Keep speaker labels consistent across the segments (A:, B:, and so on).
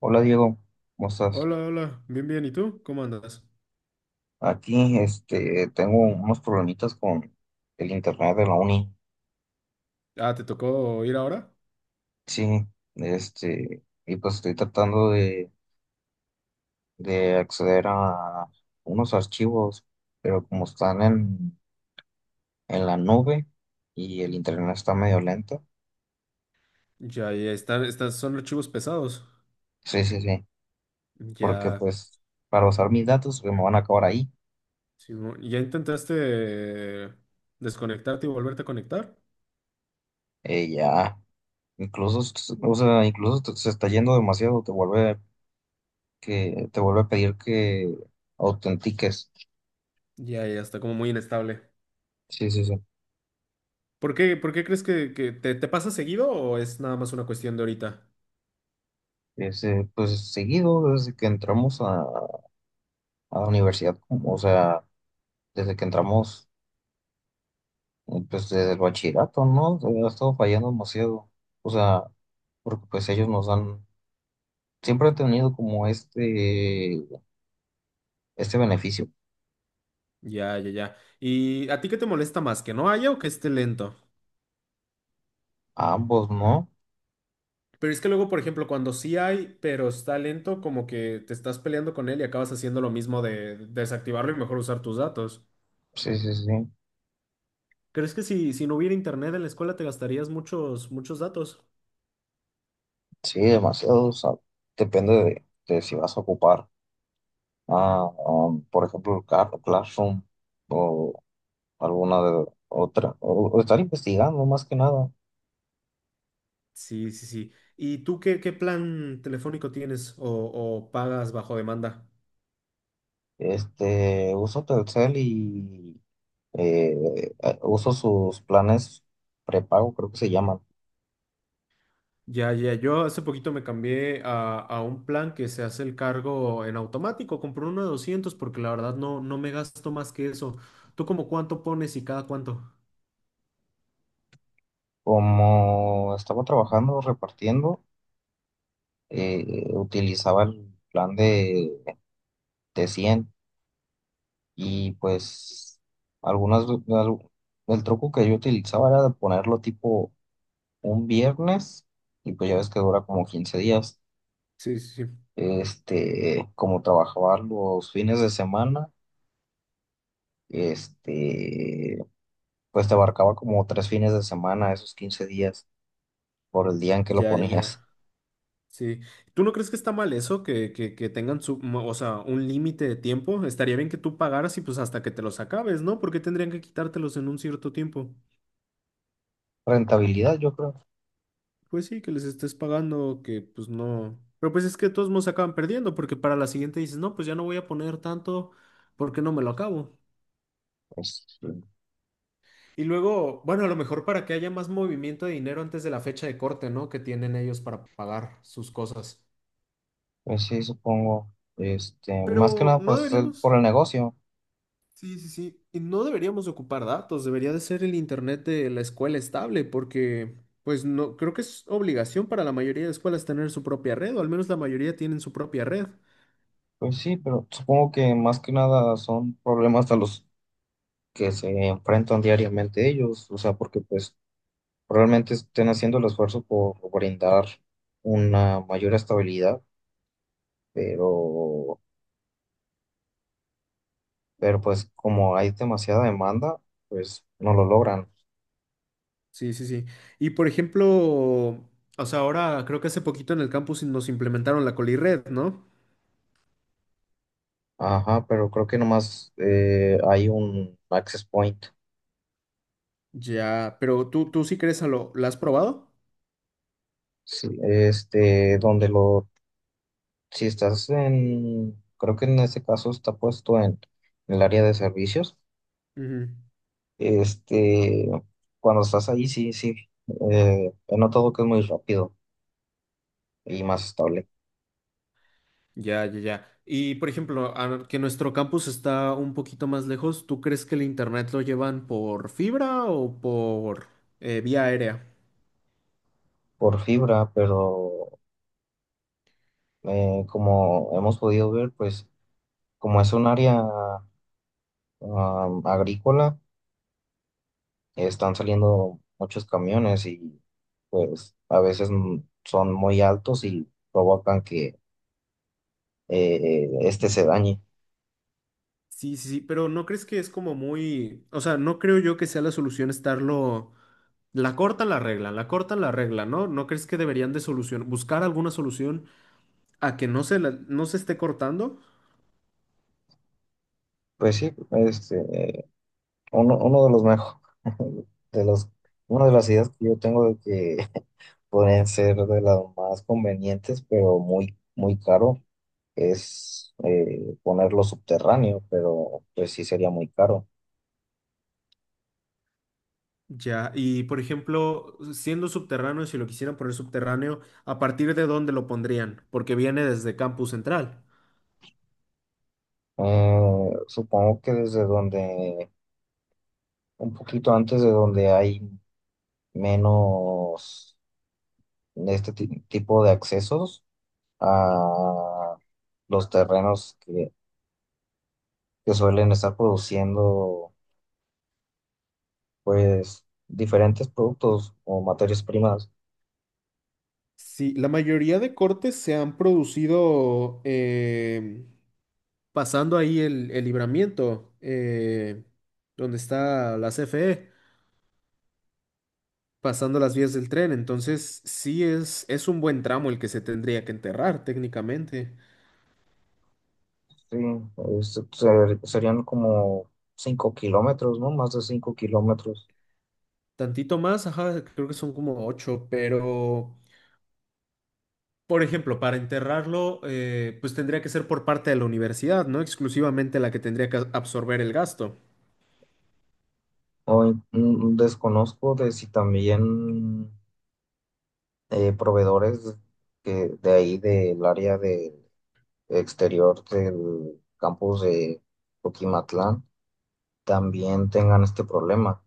A: Hola Diego, ¿cómo estás?
B: Hola, hola, bien, bien. ¿Y tú? ¿Cómo andas?
A: Aquí tengo unos problemitas con el internet de la uni.
B: Ah, ¿te tocó ir ahora?
A: Sí, y pues estoy tratando de acceder a unos archivos, pero como en la nube y el internet está medio lento,
B: Ya, ya estas son archivos pesados.
A: sí, sí, sí, porque
B: Ya,
A: pues para usar mis datos se me van a acabar ahí.
B: sí, ¿ya intentaste desconectarte y volverte a conectar?
A: Ya, incluso, o sea, incluso se está yendo demasiado, te vuelve que te vuelve a pedir que autentiques.
B: Ya, ya está como muy inestable.
A: Sí, sí, sí.
B: ¿Por qué crees que te pasa seguido o es nada más una cuestión de ahorita?
A: Ese, pues seguido, desde que a la universidad, o sea, desde que entramos, pues desde el bachillerato, ¿no? Ha estado fallando demasiado. O sea, porque pues siempre han tenido como este beneficio.
B: Ya, ya, ya. ¿Y a ti qué te molesta más? ¿Que no haya o que esté lento?
A: A ambos, ¿no?
B: Pero es que luego, por ejemplo, cuando sí hay, pero está lento, como que te estás peleando con él y acabas haciendo lo mismo de desactivarlo y mejor usar tus datos.
A: Sí, sí, sí.
B: ¿Crees que si, si no hubiera internet en la escuela te gastarías muchos, muchos datos?
A: Sí, demasiado. O sea, depende de, de si vas a ocupar, por ejemplo, el Classroom. O alguna de otra, o estar investigando más que nada.
B: Sí, sí, sí. ¿Y tú qué, plan telefónico tienes o pagas bajo demanda?
A: Este, uso Telcel y eh, uso sus planes prepago, creo que se llaman.
B: Ya, ya, yo hace poquito me cambié a un plan que se hace el cargo en automático. Compré uno de 200 porque la verdad no me gasto más que eso. ¿Tú como cuánto pones y cada cuánto?
A: Como estaba trabajando repartiendo, utilizaba el de 100 y pues algunas, al- el truco que yo utilizaba era de ponerlo tipo un viernes y pues ya ves que dura como 15 días.
B: Sí, sí, sí.
A: Este, como trabajaba los fines de semana, este, pues te abarcaba como tres fines de semana, esos 15 días, por el día en que lo
B: Ya, ya,
A: ponías.
B: ya. Sí. ¿Tú no crees que está mal eso? Que tengan su, o sea, un límite de tiempo. Estaría bien que tú pagaras y pues hasta que te los acabes, ¿no? Porque tendrían que quitártelos en un cierto tiempo.
A: Rentabilidad, yo creo.
B: Pues sí, que les estés pagando, que pues no. Pero pues es que de todos modos acaban perdiendo, porque para la siguiente dices, no, pues ya no voy a poner tanto porque no me lo acabo.
A: Pues,
B: Y luego, bueno, a lo mejor para que haya más movimiento de dinero antes de la fecha de corte, ¿no? Que tienen ellos para pagar sus cosas.
A: pues sí, supongo. Este, más que
B: Pero
A: nada,
B: no
A: por
B: deberíamos.
A: el negocio.
B: Sí, sí, sí. Y no deberíamos ocupar datos, debería de ser el internet de la escuela estable, porque pues no, creo que es obligación para la mayoría de escuelas tener su propia red, o al menos la mayoría tienen su propia red.
A: Pues sí, pero supongo que más que nada son problemas a los que se enfrentan diariamente ellos. O sea, porque pues probablemente estén haciendo el esfuerzo por brindar una mayor estabilidad, pero pero pues como hay demasiada demanda, pues no lo logran.
B: Sí, sí, sí. Y por ejemplo, o sea, ahora creo que hace poquito en el campus nos implementaron la Colired, ¿no?
A: Ajá, pero creo que nomás hay un access point,
B: Ya, pero tú sí crees a lo, ¿la has probado?
A: sí, si estás en, creo que en este caso está puesto en el área de servicios,
B: Ujú.
A: este, cuando estás ahí, sí, sí, he notado que es muy rápido y más estable
B: Ya, ya, ya. Y por ejemplo, que nuestro campus está un poquito más lejos, ¿tú crees que el internet lo llevan por fibra o por vía aérea?
A: por fibra, pero como hemos podido ver, pues como es un área agrícola, están saliendo muchos camiones y pues a veces son muy altos y provocan que se dañe.
B: Sí, sí, sí, pero ¿no crees que es como muy, o sea, no creo yo que sea la solución estarlo, la cortan la regla, la cortan la regla, ¿no? ¿No crees que deberían buscar alguna solución a que no se esté cortando?
A: Pues sí, este, eh, uno de los mejores, de los, una de las ideas que yo tengo de que pueden ser de las más convenientes, pero muy caro, es ponerlo subterráneo, pero pues sí sería muy caro.
B: Ya, y por ejemplo, siendo subterráneo, si lo quisieran poner subterráneo, ¿a partir de dónde lo pondrían? Porque viene desde Campus Central.
A: Supongo que un poquito antes de donde hay menos de este tipo de accesos a los terrenos que suelen estar produciendo pues diferentes productos o materias primas.
B: Sí, la mayoría de cortes se han producido pasando ahí el, libramiento, donde está la CFE, pasando las vías del tren. Entonces, sí es un buen tramo el que se tendría que enterrar técnicamente.
A: Sí, serían como 5 kilómetros, ¿no? Más de 5 kilómetros.
B: Tantito más, ajá, creo que son como 8, pero, por ejemplo, para enterrarlo, pues tendría que ser por parte de la universidad, no exclusivamente la que tendría que absorber el gasto.
A: Hoy desconozco de si también proveedores que de ahí del área de exterior del campus de... Coquimatlán también tengan este problema.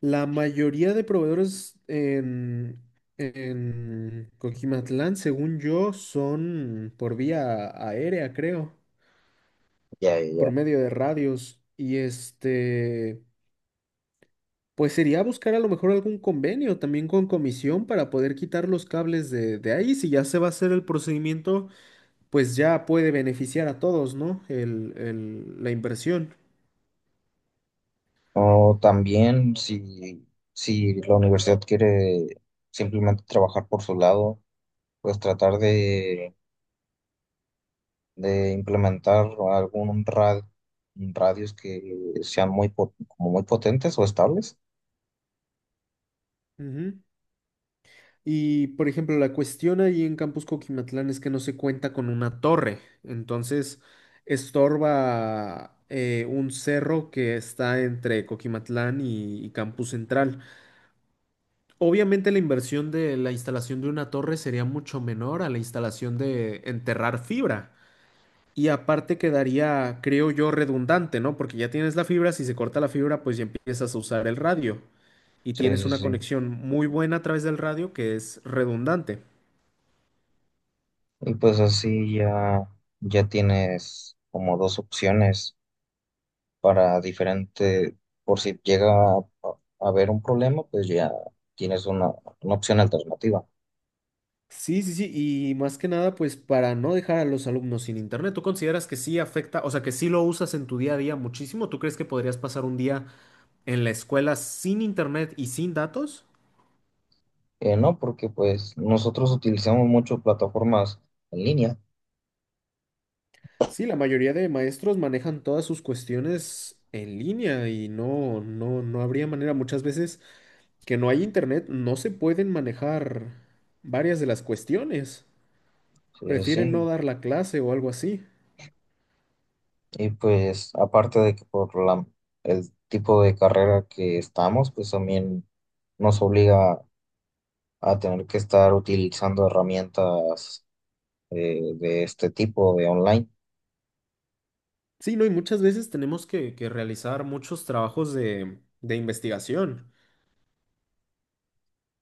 B: La mayoría de proveedores en, Coquimatlán, según yo, son por vía aérea, creo,
A: Ya, ya,
B: por
A: ya.
B: medio de radios. Y este, pues sería buscar a lo mejor algún convenio también con comisión para poder quitar los cables de ahí. Si ya se va a hacer el procedimiento, pues ya puede beneficiar a todos, ¿no? El- la inversión.
A: O también si la universidad quiere simplemente trabajar por su lado, pues tratar de implementar algún ra- radios que sean como muy potentes o estables.
B: Ujú. Y, por ejemplo, la cuestión ahí en Campus Coquimatlán es que no se cuenta con una torre, entonces estorba un cerro que está entre Coquimatlán y Campus Central. Obviamente la inversión de la instalación de una torre sería mucho menor a la instalación de enterrar fibra. Y aparte quedaría, creo yo, redundante, ¿no? Porque ya tienes la fibra, si se corta la fibra, pues ya empiezas a usar el radio. Y
A: Sí,
B: tienes
A: sí,
B: una
A: sí.
B: conexión muy buena a través del radio que es redundante.
A: Y pues ya tienes como dos opciones para diferente, por si llega a haber un problema, pues ya tienes una opción alternativa.
B: Sí, sí, sí, y más que nada, pues para no dejar a los alumnos sin internet, ¿tú consideras que sí afecta, o sea, que sí lo usas en tu día a día muchísimo? ¿Tú crees que podrías pasar un día en la escuela sin internet y sin datos?
A: No, porque pues nosotros utilizamos mucho plataformas en línea,
B: Sí, la mayoría de maestros manejan todas sus cuestiones en línea y no, no, no habría manera. Muchas veces que no hay internet, no se pueden manejar varias de las cuestiones.
A: sí, sí,
B: Prefieren no
A: sí.
B: dar la clase o algo así.
A: Y pues aparte de que por el tipo de carrera que estamos, pues también nos obliga a tener que estar utilizando herramientas de este tipo de online.
B: Sí, no, y muchas veces tenemos que realizar muchos trabajos de, investigación.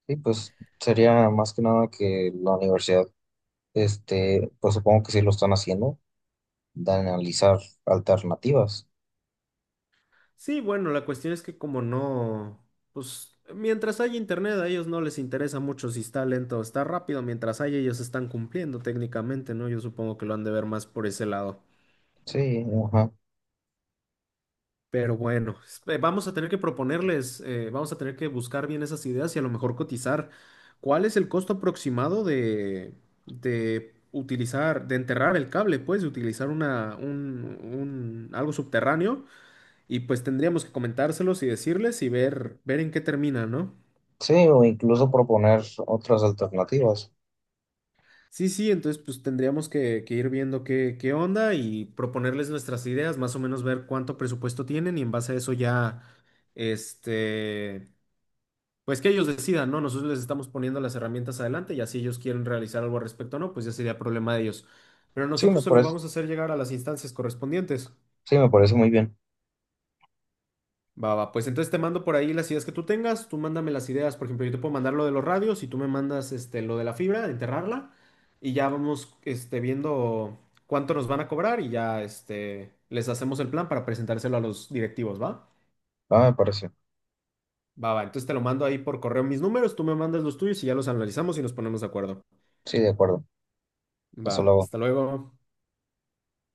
A: Y pues sería más que nada que la universidad, este, pues supongo que sí lo están haciendo, de analizar alternativas.
B: Sí, bueno, la cuestión es que como no, pues mientras haya internet a ellos no les interesa mucho si está lento o está rápido, mientras haya ellos están cumpliendo técnicamente, ¿no? Yo supongo que lo han de ver más por ese lado.
A: Sí, ajá.
B: Pero bueno, vamos a tener que proponerles, vamos a tener que buscar bien esas ideas y a lo mejor cotizar. ¿Cuál es el costo aproximado de, utilizar, de enterrar el cable, pues, de utilizar algo subterráneo? Y pues tendríamos que comentárselos y decirles y ver, en qué termina, ¿no?
A: Sí, o incluso proponer otras alternativas.
B: Sí, sí, entonces pues tendríamos que, ir viendo qué onda y proponerles nuestras ideas, más o menos ver cuánto presupuesto tienen y en base a eso ya, este. Pues que ellos decidan, ¿no? Nosotros les estamos poniendo las herramientas adelante y así ellos quieren realizar algo al respecto o no, pues ya sería problema de ellos. Pero
A: Sí, me
B: nosotros se lo
A: parece,
B: vamos a hacer llegar a las instancias correspondientes.
A: sí, me parece muy bien.
B: Va, va, pues entonces te mando por ahí las ideas que tú tengas, tú mándame las ideas, por ejemplo, yo te puedo mandar lo de los radios y tú me mandas este, lo de la fibra, de enterrarla y ya vamos este, viendo cuánto nos van a cobrar y ya este, les hacemos el plan para presentárselo a los directivos, ¿va?
A: Ah, me parece.
B: Va, va, entonces te lo mando ahí por correo mis números, tú me mandas los tuyos y ya los analizamos y nos ponemos de acuerdo.
A: Sí, de acuerdo. Eso lo
B: Va,
A: hago.
B: hasta luego.